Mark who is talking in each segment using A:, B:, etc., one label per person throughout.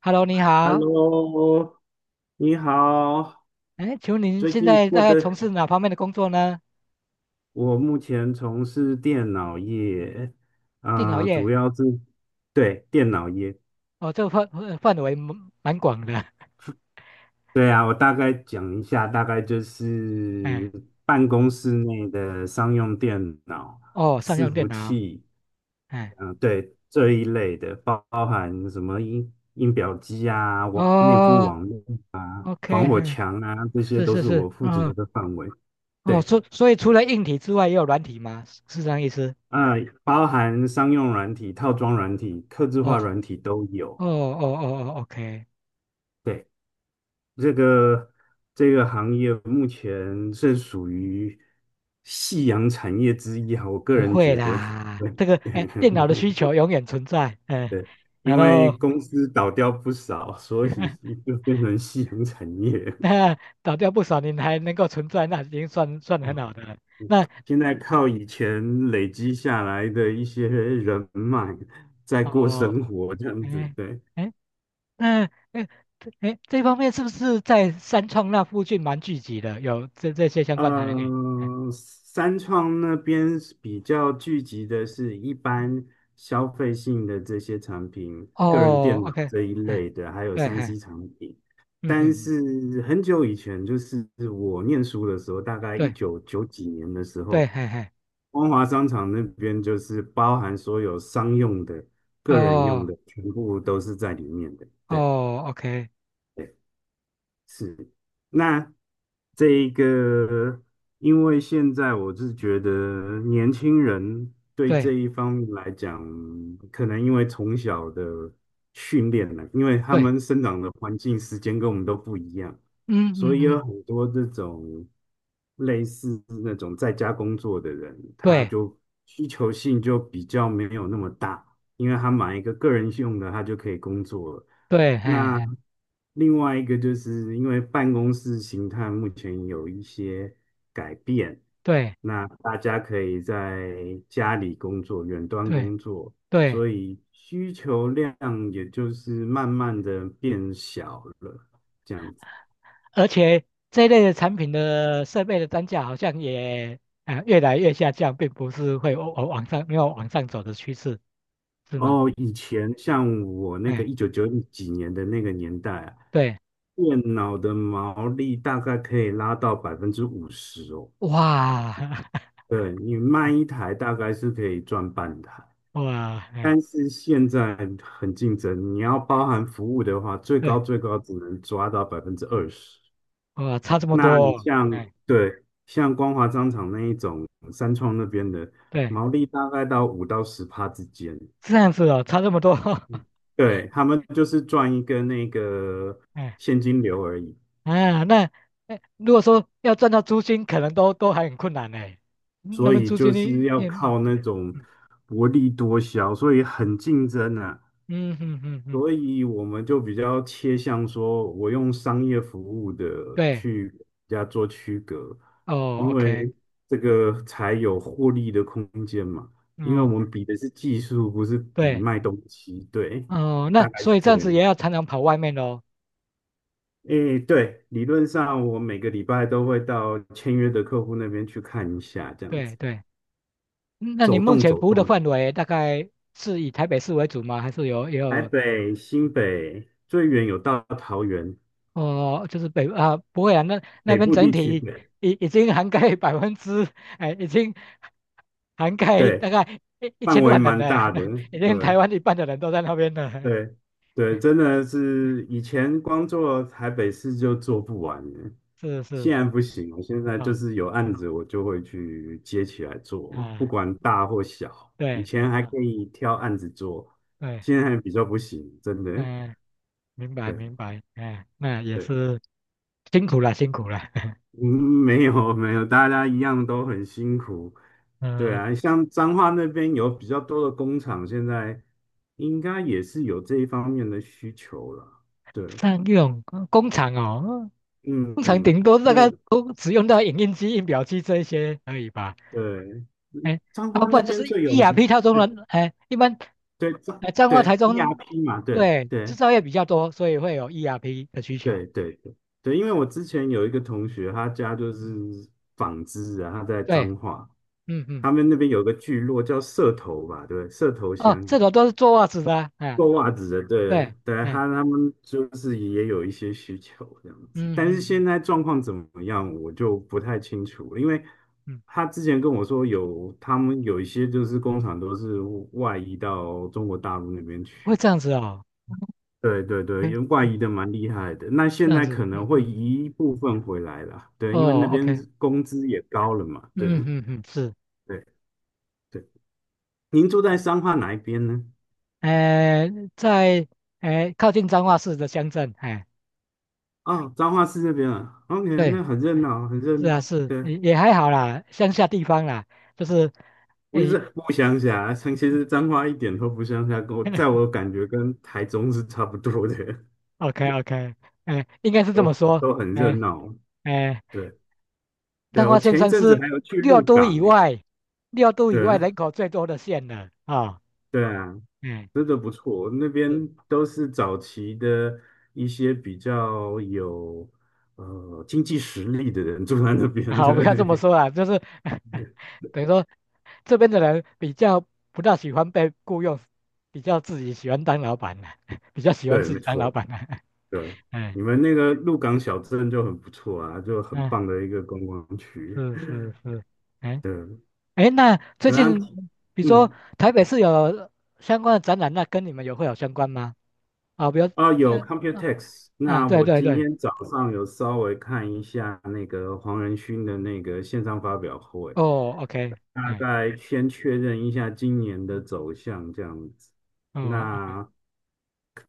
A: Hello，你好。
B: Hello，你好，
A: 哎，请问您
B: 最
A: 现
B: 近
A: 在
B: 过
A: 在
B: 得，
A: 从事哪方面的工作呢？
B: 我目前从事电脑业，
A: 电脑
B: 主
A: 业。
B: 要是对电脑业，
A: 哦，这个范围蛮广的。
B: 对啊，我大概讲一下，大概就
A: 哎，
B: 是办公室内的商用电脑、
A: 哦，商
B: 伺
A: 用电
B: 服
A: 脑。
B: 器，
A: 哎，
B: 对这一类的，包含什么音表机啊、内部
A: 哦
B: 网络、
A: ，OK，
B: 防火
A: 哎，
B: 墙啊，这些
A: 是
B: 都
A: 是
B: 是
A: 是，
B: 我负
A: 嗯，
B: 责的范围。
A: 哦，
B: 对。
A: 所以除了硬体之外，也有软体吗？是是这样意思？
B: 啊、包含商用软体、套装软体、客制
A: 哦，
B: 化软体都有。
A: 哦哦哦哦，OK，
B: 对，这个这个行业目前是属于夕阳产业之一啊，我个
A: 不
B: 人
A: 会
B: 觉得。
A: 啦，
B: 对，
A: 这个哎，电脑的需求 永远存在。哎，
B: 对，
A: 然
B: 因为
A: 后
B: 公司倒掉不少，所以 就变成夕阳产业。
A: 那倒掉不少，您还能够存在，那已经算很
B: 哦，
A: 好的了。那。
B: 现在靠以前累积下来的一些人脉在过
A: 哦，
B: 生活，这样子，
A: 哎
B: 对。
A: 哎，那哎这方面是不是在三创那附近蛮聚集的？有这些相关台能语？哎
B: 三创那边是比较聚集的是一般消费性的这些产品，个人
A: 哦
B: 电脑
A: ，OK，
B: 这一
A: 哎，
B: 类的，还有
A: 对，哎，
B: 3C 产品。
A: 嗯嗯
B: 但
A: 嗯，
B: 是很久以前，就是我念书的时候，大概一
A: 对
B: 九九几年的时
A: 对，
B: 候，
A: 嘿嘿，
B: 光华商场那边就是包含所有商用的、个人用
A: 哦
B: 的，全部都是在里面的。对。
A: 哦，OK，
B: 是，那这一个，因为现在我是觉得年轻人对
A: 对
B: 这一方面来讲，可能因为从小的训练呢，因为他
A: 对，
B: 们生长的环境、时间跟我们都不一样，
A: 嗯
B: 所
A: 嗯
B: 以有
A: 嗯，
B: 很多这种类似那种在家工作的人，
A: 对
B: 需求性就比较没有那么大。因为他买一个个人用的，他就可以工作了。
A: 对，嘿
B: 那
A: 嘿，
B: 另外一个就是因为办公室形态目前有一些改变，
A: 对
B: 那大家可以在家里工作、远端
A: 对
B: 工作，
A: 对，
B: 所以需求量也就是慢慢的变小了，这样子。
A: 而且这一类的产品的设备的单价好像也越来越下降，并不是会往往上没有往上走的趋势，是吗？
B: 哦，以前像我那个
A: 哎，
B: 一九九几年的那个年代啊，
A: 对，
B: 电脑的毛利大概可以拉到50%哦。
A: 哇
B: 对，你卖一台大概是可以赚半台，
A: 哇，哎，
B: 但是现在很竞争，你要包含服务的话，最高
A: 对，
B: 最高只能抓到20%。
A: 哇，差这么
B: 那你
A: 多哦
B: 像
A: 哎，
B: 对像光华商场那一种，三创那边的
A: 对，
B: 毛利大概到五到十趴之间，
A: 这样子哦，差这么多，
B: 对，他们就是赚一个那个
A: 哎
B: 现金流而已，
A: 啊，那哎，如果说要赚到租金，可能都还很困难呢。嗯那
B: 所
A: 么
B: 以
A: 租
B: 就
A: 金
B: 是
A: 呢？
B: 要
A: 也
B: 靠那种
A: 嗯
B: 薄利多销，所以很竞争啊。
A: 嗯嗯嗯嗯嗯，
B: 所以我们就比较切向说，我用商业服务的
A: 对，
B: 去跟人家做区隔，
A: 哦
B: 因
A: ，OK，
B: 为这个才有获利的空间嘛。因为我
A: 哦，
B: 们比的是技术，不是比
A: 对，
B: 卖东西。对，
A: 哦，那
B: 大概
A: 所
B: 是
A: 以这
B: 这
A: 样子也
B: 样。
A: 要常常跑外面喽。
B: 诶，对，理论上我每个礼拜都会到签约的客户那边去看一下，这样
A: 对
B: 子
A: 对，嗯那你
B: 走
A: 目
B: 动
A: 前
B: 走
A: 服务的
B: 动。
A: 范围大概是以台北市为主吗？还是有也
B: 台
A: 有
B: 北、新北，最远有到桃园，
A: 哦，就是北啊，不会啊，那
B: 北
A: 边
B: 部
A: 整
B: 地区
A: 体
B: 的。
A: 已经涵盖百分之，哎，已经涵盖大
B: 对。
A: 概一一
B: 范
A: 千
B: 围
A: 万人
B: 蛮
A: 了，
B: 大的，
A: 已经台
B: 对
A: 湾一半的人都在那边了。
B: 对对，真的是以前光做台北市就做不完了，
A: 是是
B: 现在
A: 是，
B: 不行了，现在就
A: 啊、
B: 是有案子我就会去接起来做，不
A: 啊，
B: 管大或小，以
A: 对对
B: 前还
A: 啊，
B: 可以挑案子做，
A: 对，
B: 现在比较不行，真的，
A: 嗯、明白明
B: 对
A: 白，哎、那也
B: 对。
A: 是辛苦了辛苦了，
B: 嗯，没有没有，大家一样都很辛苦。对
A: 嗯、
B: 啊，像彰化那边有比较多的工厂，现在应该也是有这一方面的需求了。对，
A: 像这种工厂哦，
B: 嗯
A: 工厂
B: 嗯，
A: 顶多大概
B: 对
A: 都只用到影印机、印表机这一些而已吧。
B: 对，
A: 哎，
B: 彰
A: 那么
B: 化
A: 不
B: 那
A: 然就是
B: 边最有
A: ERP
B: 名，
A: 套中人，哎，一般，
B: 对彰
A: 哎，彰化、台
B: 对
A: 中，
B: ERP 嘛，对
A: 对，制
B: 对
A: 造业比较多，所以会有 ERP 的需求。
B: 对对对对，因为我之前有一个同学，他家就是纺织啊，他在
A: 对，
B: 彰化，
A: 嗯嗯，
B: 他们那边有个聚落叫社头吧，对，社头
A: 哦，
B: 乡。
A: 这种都是做袜子的啊哎，
B: 做袜子的，对
A: 对，
B: 对，
A: 哎，
B: 他们就是也有一些需求这样子，
A: 嗯嗯
B: 但是现
A: 嗯
B: 在状况怎么样，我就不太清楚了因为
A: 嗯，
B: 他之前跟我说有他们有一些就是工厂都是外移到中国大陆那边
A: 会
B: 去，
A: 这样子哦，
B: 对对对，
A: 嗯
B: 因为外
A: 嗯，
B: 移的蛮厉害的，那
A: 这
B: 现
A: 样
B: 在
A: 子，
B: 可能
A: 嗯
B: 会
A: 嗯，
B: 移一部分回来啦，对，因为那
A: 哦
B: 边
A: ，OK，
B: 工资也高了嘛，对
A: 嗯嗯嗯，是，
B: 对对。您住在彰化哪一边呢？
A: 哎，在哎靠近彰化市的乡镇，哎，
B: 哦，彰化市这边啊，OK，
A: 对，
B: 那很热闹，很热
A: 是啊，
B: 闹，
A: 是
B: 对。
A: 也还好啦，乡下地方啦，就是，
B: 不
A: 哎。
B: 是不乡下，像其实彰化一点都不乡下，跟我在 我感觉跟台中是差不多的，
A: OK OK，哎，应该是 这
B: 都
A: 么说，
B: 都很热
A: 哎
B: 闹。
A: 哎，
B: 对
A: 彰
B: 对，我
A: 化县
B: 前一
A: 算
B: 阵子
A: 是
B: 还有去
A: 六
B: 鹿
A: 都
B: 港
A: 以
B: 诶，
A: 外，六都以外
B: 对
A: 人口最多的县了啊，
B: 对啊，
A: 嗯，
B: 真的不错，那边
A: 是，
B: 都是早期的一些比较有经济实力的人住在那 边，
A: 好，不要这么
B: 对
A: 说啦，就是 等于说这边的人比较不大喜欢被雇佣，比较自己喜欢当老板的，比较 喜欢
B: 对，
A: 自
B: 没
A: 己当老
B: 错，
A: 板的，
B: 对，
A: 嗯
B: 你们那个鹿港小镇就很不错啊，就很
A: 嗯，
B: 棒的一个观光区，
A: 是是是，哎
B: 对，
A: 哎，那最
B: 对啊，
A: 近比如说
B: 嗯。
A: 台北市有相关的展览，那跟你们会有相关吗？啊，不要这
B: 有
A: 样啊
B: Computex。
A: 啊，
B: 那
A: 对
B: 我
A: 对
B: 今
A: 对，
B: 天早上有稍微看一下那个黄仁勋的那个线上发表会，
A: 哦，OK，
B: 大
A: 哎，
B: 概先确认一下今年的走向这样子。
A: 哦，OK，
B: 那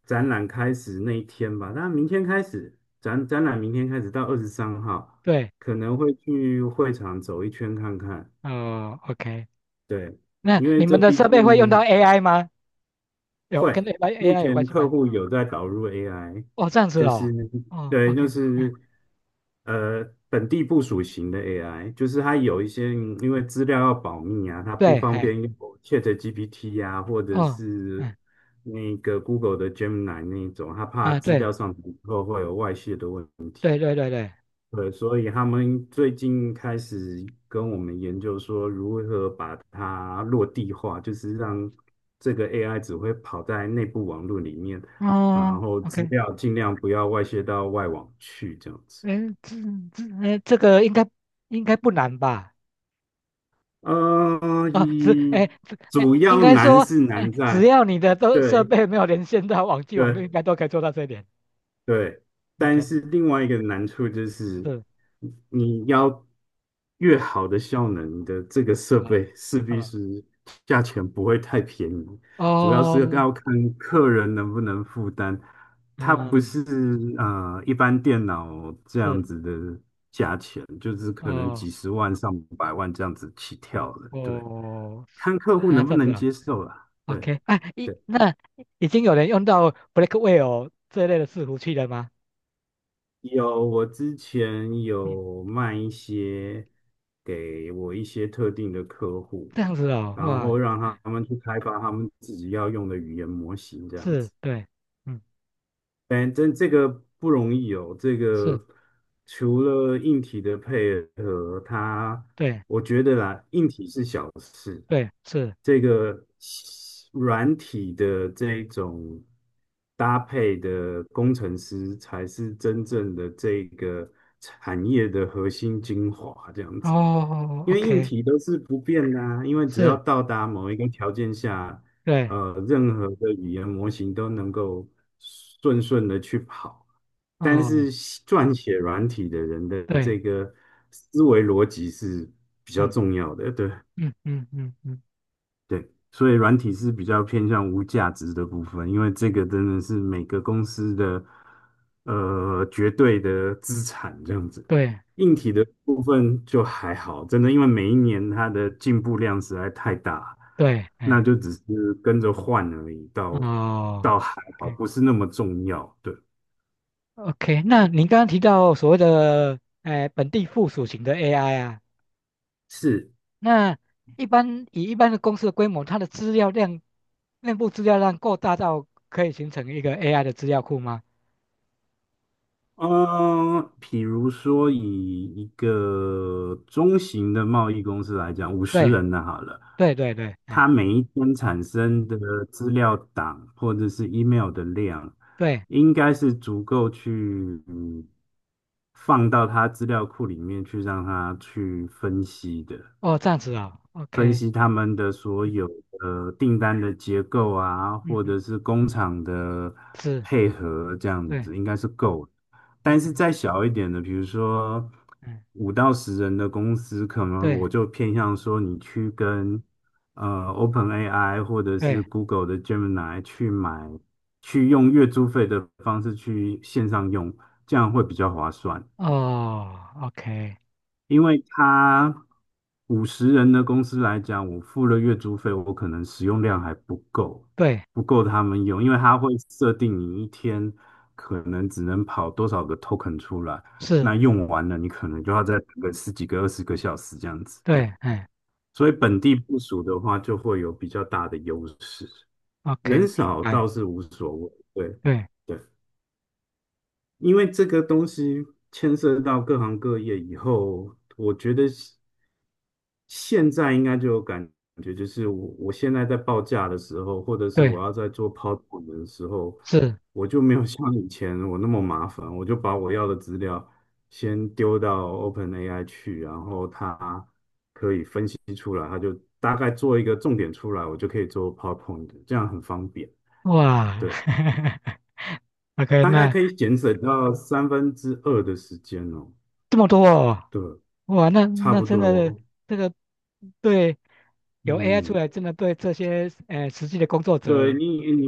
B: 展览开始那一天吧，那明天开始展览，明天开始到23号，
A: 对，
B: 可能会去会场走一圈看看。
A: 哦，OK，
B: 对，
A: 那
B: 因为
A: 你
B: 这
A: 们的
B: 毕
A: 设备会用到
B: 竟
A: AI 吗？有跟
B: 会，
A: AI
B: 目
A: AI 有关
B: 前
A: 系
B: 客
A: 吗？
B: 户有在导入 AI，
A: 哦，这样子
B: 就是
A: 哦，哦
B: 对，就
A: ，OK，嗯，
B: 是呃本地部署型的 AI，就是它有一些因为资料要保密啊，它不
A: 对，
B: 方
A: 哎，
B: 便用 ChatGPT 呀、或者
A: 哦，
B: 是
A: 嗯
B: 那个 Google 的 Gemini 那一种，他怕
A: 啊，
B: 资
A: 对
B: 料上传以后会有外泄的
A: 对对对对，
B: 对，所以他们最近开始跟我们研究说，如何把它落地化，就是让这个 AI 只会跑在内部网络里面，然
A: 哦
B: 后资
A: ，OK，
B: 料尽量不要外泄到外网去，这样子。
A: 嗯，这，这个应该不难吧？
B: 啊，
A: 啊，只
B: 一
A: 哎只哎，
B: 主
A: 应
B: 要
A: 该
B: 难
A: 说
B: 是
A: 哎，
B: 难
A: 只
B: 在，
A: 要你的都设
B: 对
A: 备没有连线到网际网络，
B: 对，
A: 应该都可以做到这一点。
B: 对，但
A: OK。
B: 是另外一个难处就是，
A: 是
B: 你要越好的效能，你的这个设
A: 啊
B: 备势必
A: 啊
B: 是价钱不会太便宜，主要是
A: 哦，
B: 要看客人能不能负担。它不
A: 嗯，
B: 是一般电脑这样
A: 是
B: 子的价钱，就是可能
A: 哦
B: 几十万、上百万这样子起跳的。对，
A: 哦，
B: 看客户
A: 啊
B: 能
A: 这
B: 不
A: 样子
B: 能
A: 啊
B: 接受啦。对。
A: ，OK，哎，那已经有人用到 Blackwell 这类的伺服器了吗？
B: 有，我之前
A: 嗯，
B: 有卖一些给我一些特定的客户，
A: 这样子哦，
B: 然
A: 哇，
B: 后让他们去开发他们自己要用的语言模型，这样
A: 是，
B: 子。
A: 对，嗯，
B: 反正这个不容易哦。这
A: 是，
B: 个除了硬体的配合，它
A: 对，
B: 我觉得啦，硬体是小事，
A: 对，是，
B: 这个软体的这一种搭配的工程师才是真正的这个产业的核心精华，这样子。
A: 哦
B: 因为硬
A: ，OK，
B: 体都是不变的啊因为只要
A: 是，
B: 到达某一个条件下，
A: 对，
B: 任何的语言模型都能够顺顺的去跑，但
A: 哦，
B: 是撰写软体的人的
A: 对，
B: 这个思维逻辑是比较
A: 嗯
B: 重要的，对。
A: 嗯嗯嗯嗯，
B: 对，所以软体是比较偏向无价值的部分，因为这个真的是每个公司的绝对的资产这样子。
A: 对
B: 硬体的部分就还好，真的，因为每一年它的进步量实在太大，
A: 对，
B: 那
A: 哎，
B: 就只是跟着换而已，倒
A: 哦。
B: 还好，不是那么重要。对，
A: OK，那您刚刚提到所谓的本地附属型的 AI 啊，
B: 是。
A: 那一般的公司的规模，它的资料量，内部资料量够大到可以形成一个 AI 的资料库吗？
B: 嗯，比如说以一个中型的贸易公司来讲，五十
A: 对，
B: 人的好了。
A: 对对对，哎，
B: 他每一天产生的资料档或者是 email 的量，
A: 对，
B: 应该是足够去放到他资料库里面去让他去分析的。
A: 哦，这样子啊 o
B: 分
A: k
B: 析他们的所
A: 嗯
B: 有的订单的结构啊，
A: 嗯
B: 或者
A: 嗯，
B: 是工厂的
A: 是，
B: 配合，这样
A: 对
B: 子应该是够的。但是
A: ，OK，
B: 再小一点的，比如说
A: 嗯，
B: 5到10人的公司，可能
A: 对
B: 我就偏向说你去跟OpenAI 或者是
A: 对，
B: Google 的 Gemini 去买，去用月租费的方式去线上用，这样会比较划算。
A: 哦，OK，
B: 因为他五十人的公司来讲，我付了月租费，我可能使用量还不够，
A: 对，
B: 不够他们用，因为它会设定你一天可能只能跑多少个 token 出来，
A: 是，
B: 那用完了你可能就要再等个十几个、20个小时这样子。对，
A: 对，哎
B: 所以本地部署的话就会有比较大的优势，
A: ，OK，
B: 人
A: 明
B: 少
A: 白，
B: 倒是无所谓。对，
A: 对
B: 对。因为这个东西牵涉到各行各业以后，我觉得现在应该就有感觉，就是我现在在报价的时候，或者是
A: 对，
B: 我要在做 PowerPoint 的时候，
A: 是，
B: 我就没有像以前我那么麻烦，我就把我要的资料先丢到 OpenAI 去，然后它提出来，它就大概做一个重点出来，我就可以做 PowerPoint，这样很方便，
A: 哇
B: 对，
A: ，OK，
B: 大概
A: 那。
B: 可以节省到三分之二的时间哦。
A: 这么多哦，
B: 对，
A: 哇，那
B: 差
A: 那
B: 不
A: 真的
B: 多，
A: 这个对有 AI 出
B: 嗯，
A: 来，真的对这些实际的工作
B: 对
A: 者，
B: 你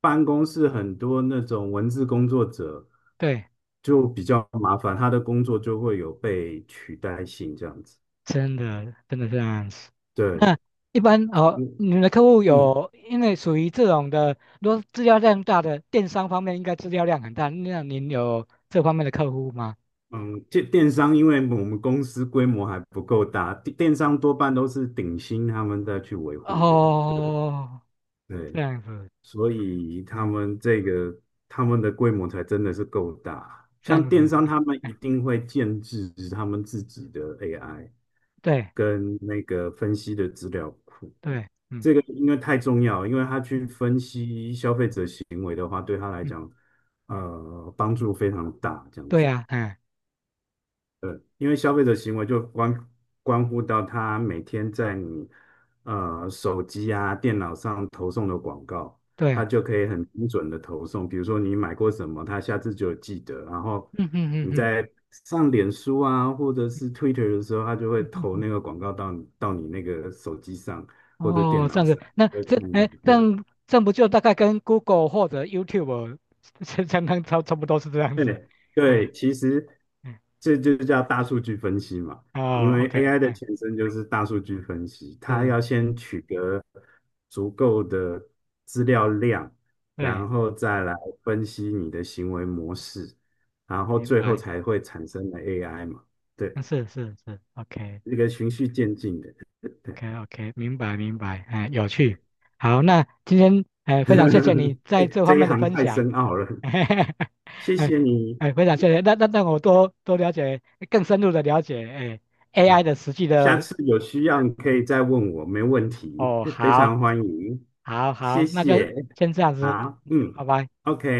B: 办公室很多那种文字工作者
A: 对，
B: 就比较麻烦，他的工作就会有被取代性这样子。
A: 真的真的这样子。
B: 对，
A: 那一般哦，
B: 嗯
A: 你们的客户
B: 嗯
A: 有因为属于这种的，如果资料量大的电商方面，应该资料量很大，那您有这方面的客户吗？
B: 嗯，电商因为我们公司规模还不够大，电商多半都是顶薪他们在去维护的。
A: 哦，这
B: 对，
A: 样子，
B: 所以他
A: 嗯，
B: 们这个他们的规模才真的是够大。
A: 这
B: 像
A: 样
B: 电
A: 子，
B: 商，他们一
A: 哎，
B: 定会建制他们自己的 AI
A: 对
B: 跟那个分析的资料库。
A: 对，嗯
B: 这个因为太重要，因为他去
A: 嗯
B: 分析消费者行为的话，对他来
A: 嗯，
B: 讲，帮助非常大。这样
A: 对
B: 子。
A: 呀、哎，
B: 因为消费者行为就关乎到他每天在你手机啊、电脑上投送的广告，
A: 对，
B: 他就可以很精准的投送。比如说你买过什么，他下次就有记得。然后
A: 嗯嗯嗯
B: 你
A: 嗯。
B: 在上脸书啊，或者是 Twitter 的时候，他就会投那个 广告到你那个手机上或者电
A: 哦，这
B: 脑
A: 样子，
B: 上，
A: 那
B: 会
A: 这
B: 看到。
A: 哎，这
B: 对，
A: 样这样不就大概跟 Google 或者 YouTube 相当差不多是这样子？
B: 对 对，
A: 哎
B: 其实
A: 哎
B: 这就叫大数据分析嘛，因
A: 哦
B: 为
A: ，OK，
B: AI 的
A: 哎
B: 前身就是大数据分析，它
A: 是，
B: 要先取得足够的资料量，
A: 对，
B: 然后再来分析你的行为模式，然后
A: 明
B: 最后
A: 白，
B: 才会产生的 AI 嘛，对，
A: 嗯是是是，OK
B: 这个循序渐进的，
A: OK
B: 对
A: OK，明白明白，哎，有
B: 对。
A: 趣。好，那今天哎非常谢谢你
B: 哎，
A: 在这方
B: 这一
A: 面的
B: 行
A: 分
B: 太
A: 享，
B: 深奥了，
A: 哎
B: 谢
A: 哎
B: 谢你
A: 哎非常谢谢，那我多多了解更深入的了解哎
B: 嗯
A: AI 的实际
B: 下
A: 的
B: 次有需要你可以再问我，没问题，
A: 哦
B: 非
A: 好。
B: 常欢迎，
A: 好
B: 谢
A: 好，那就
B: 谢。
A: 先这样子，
B: 好，嗯
A: 拜拜。
B: ，OK。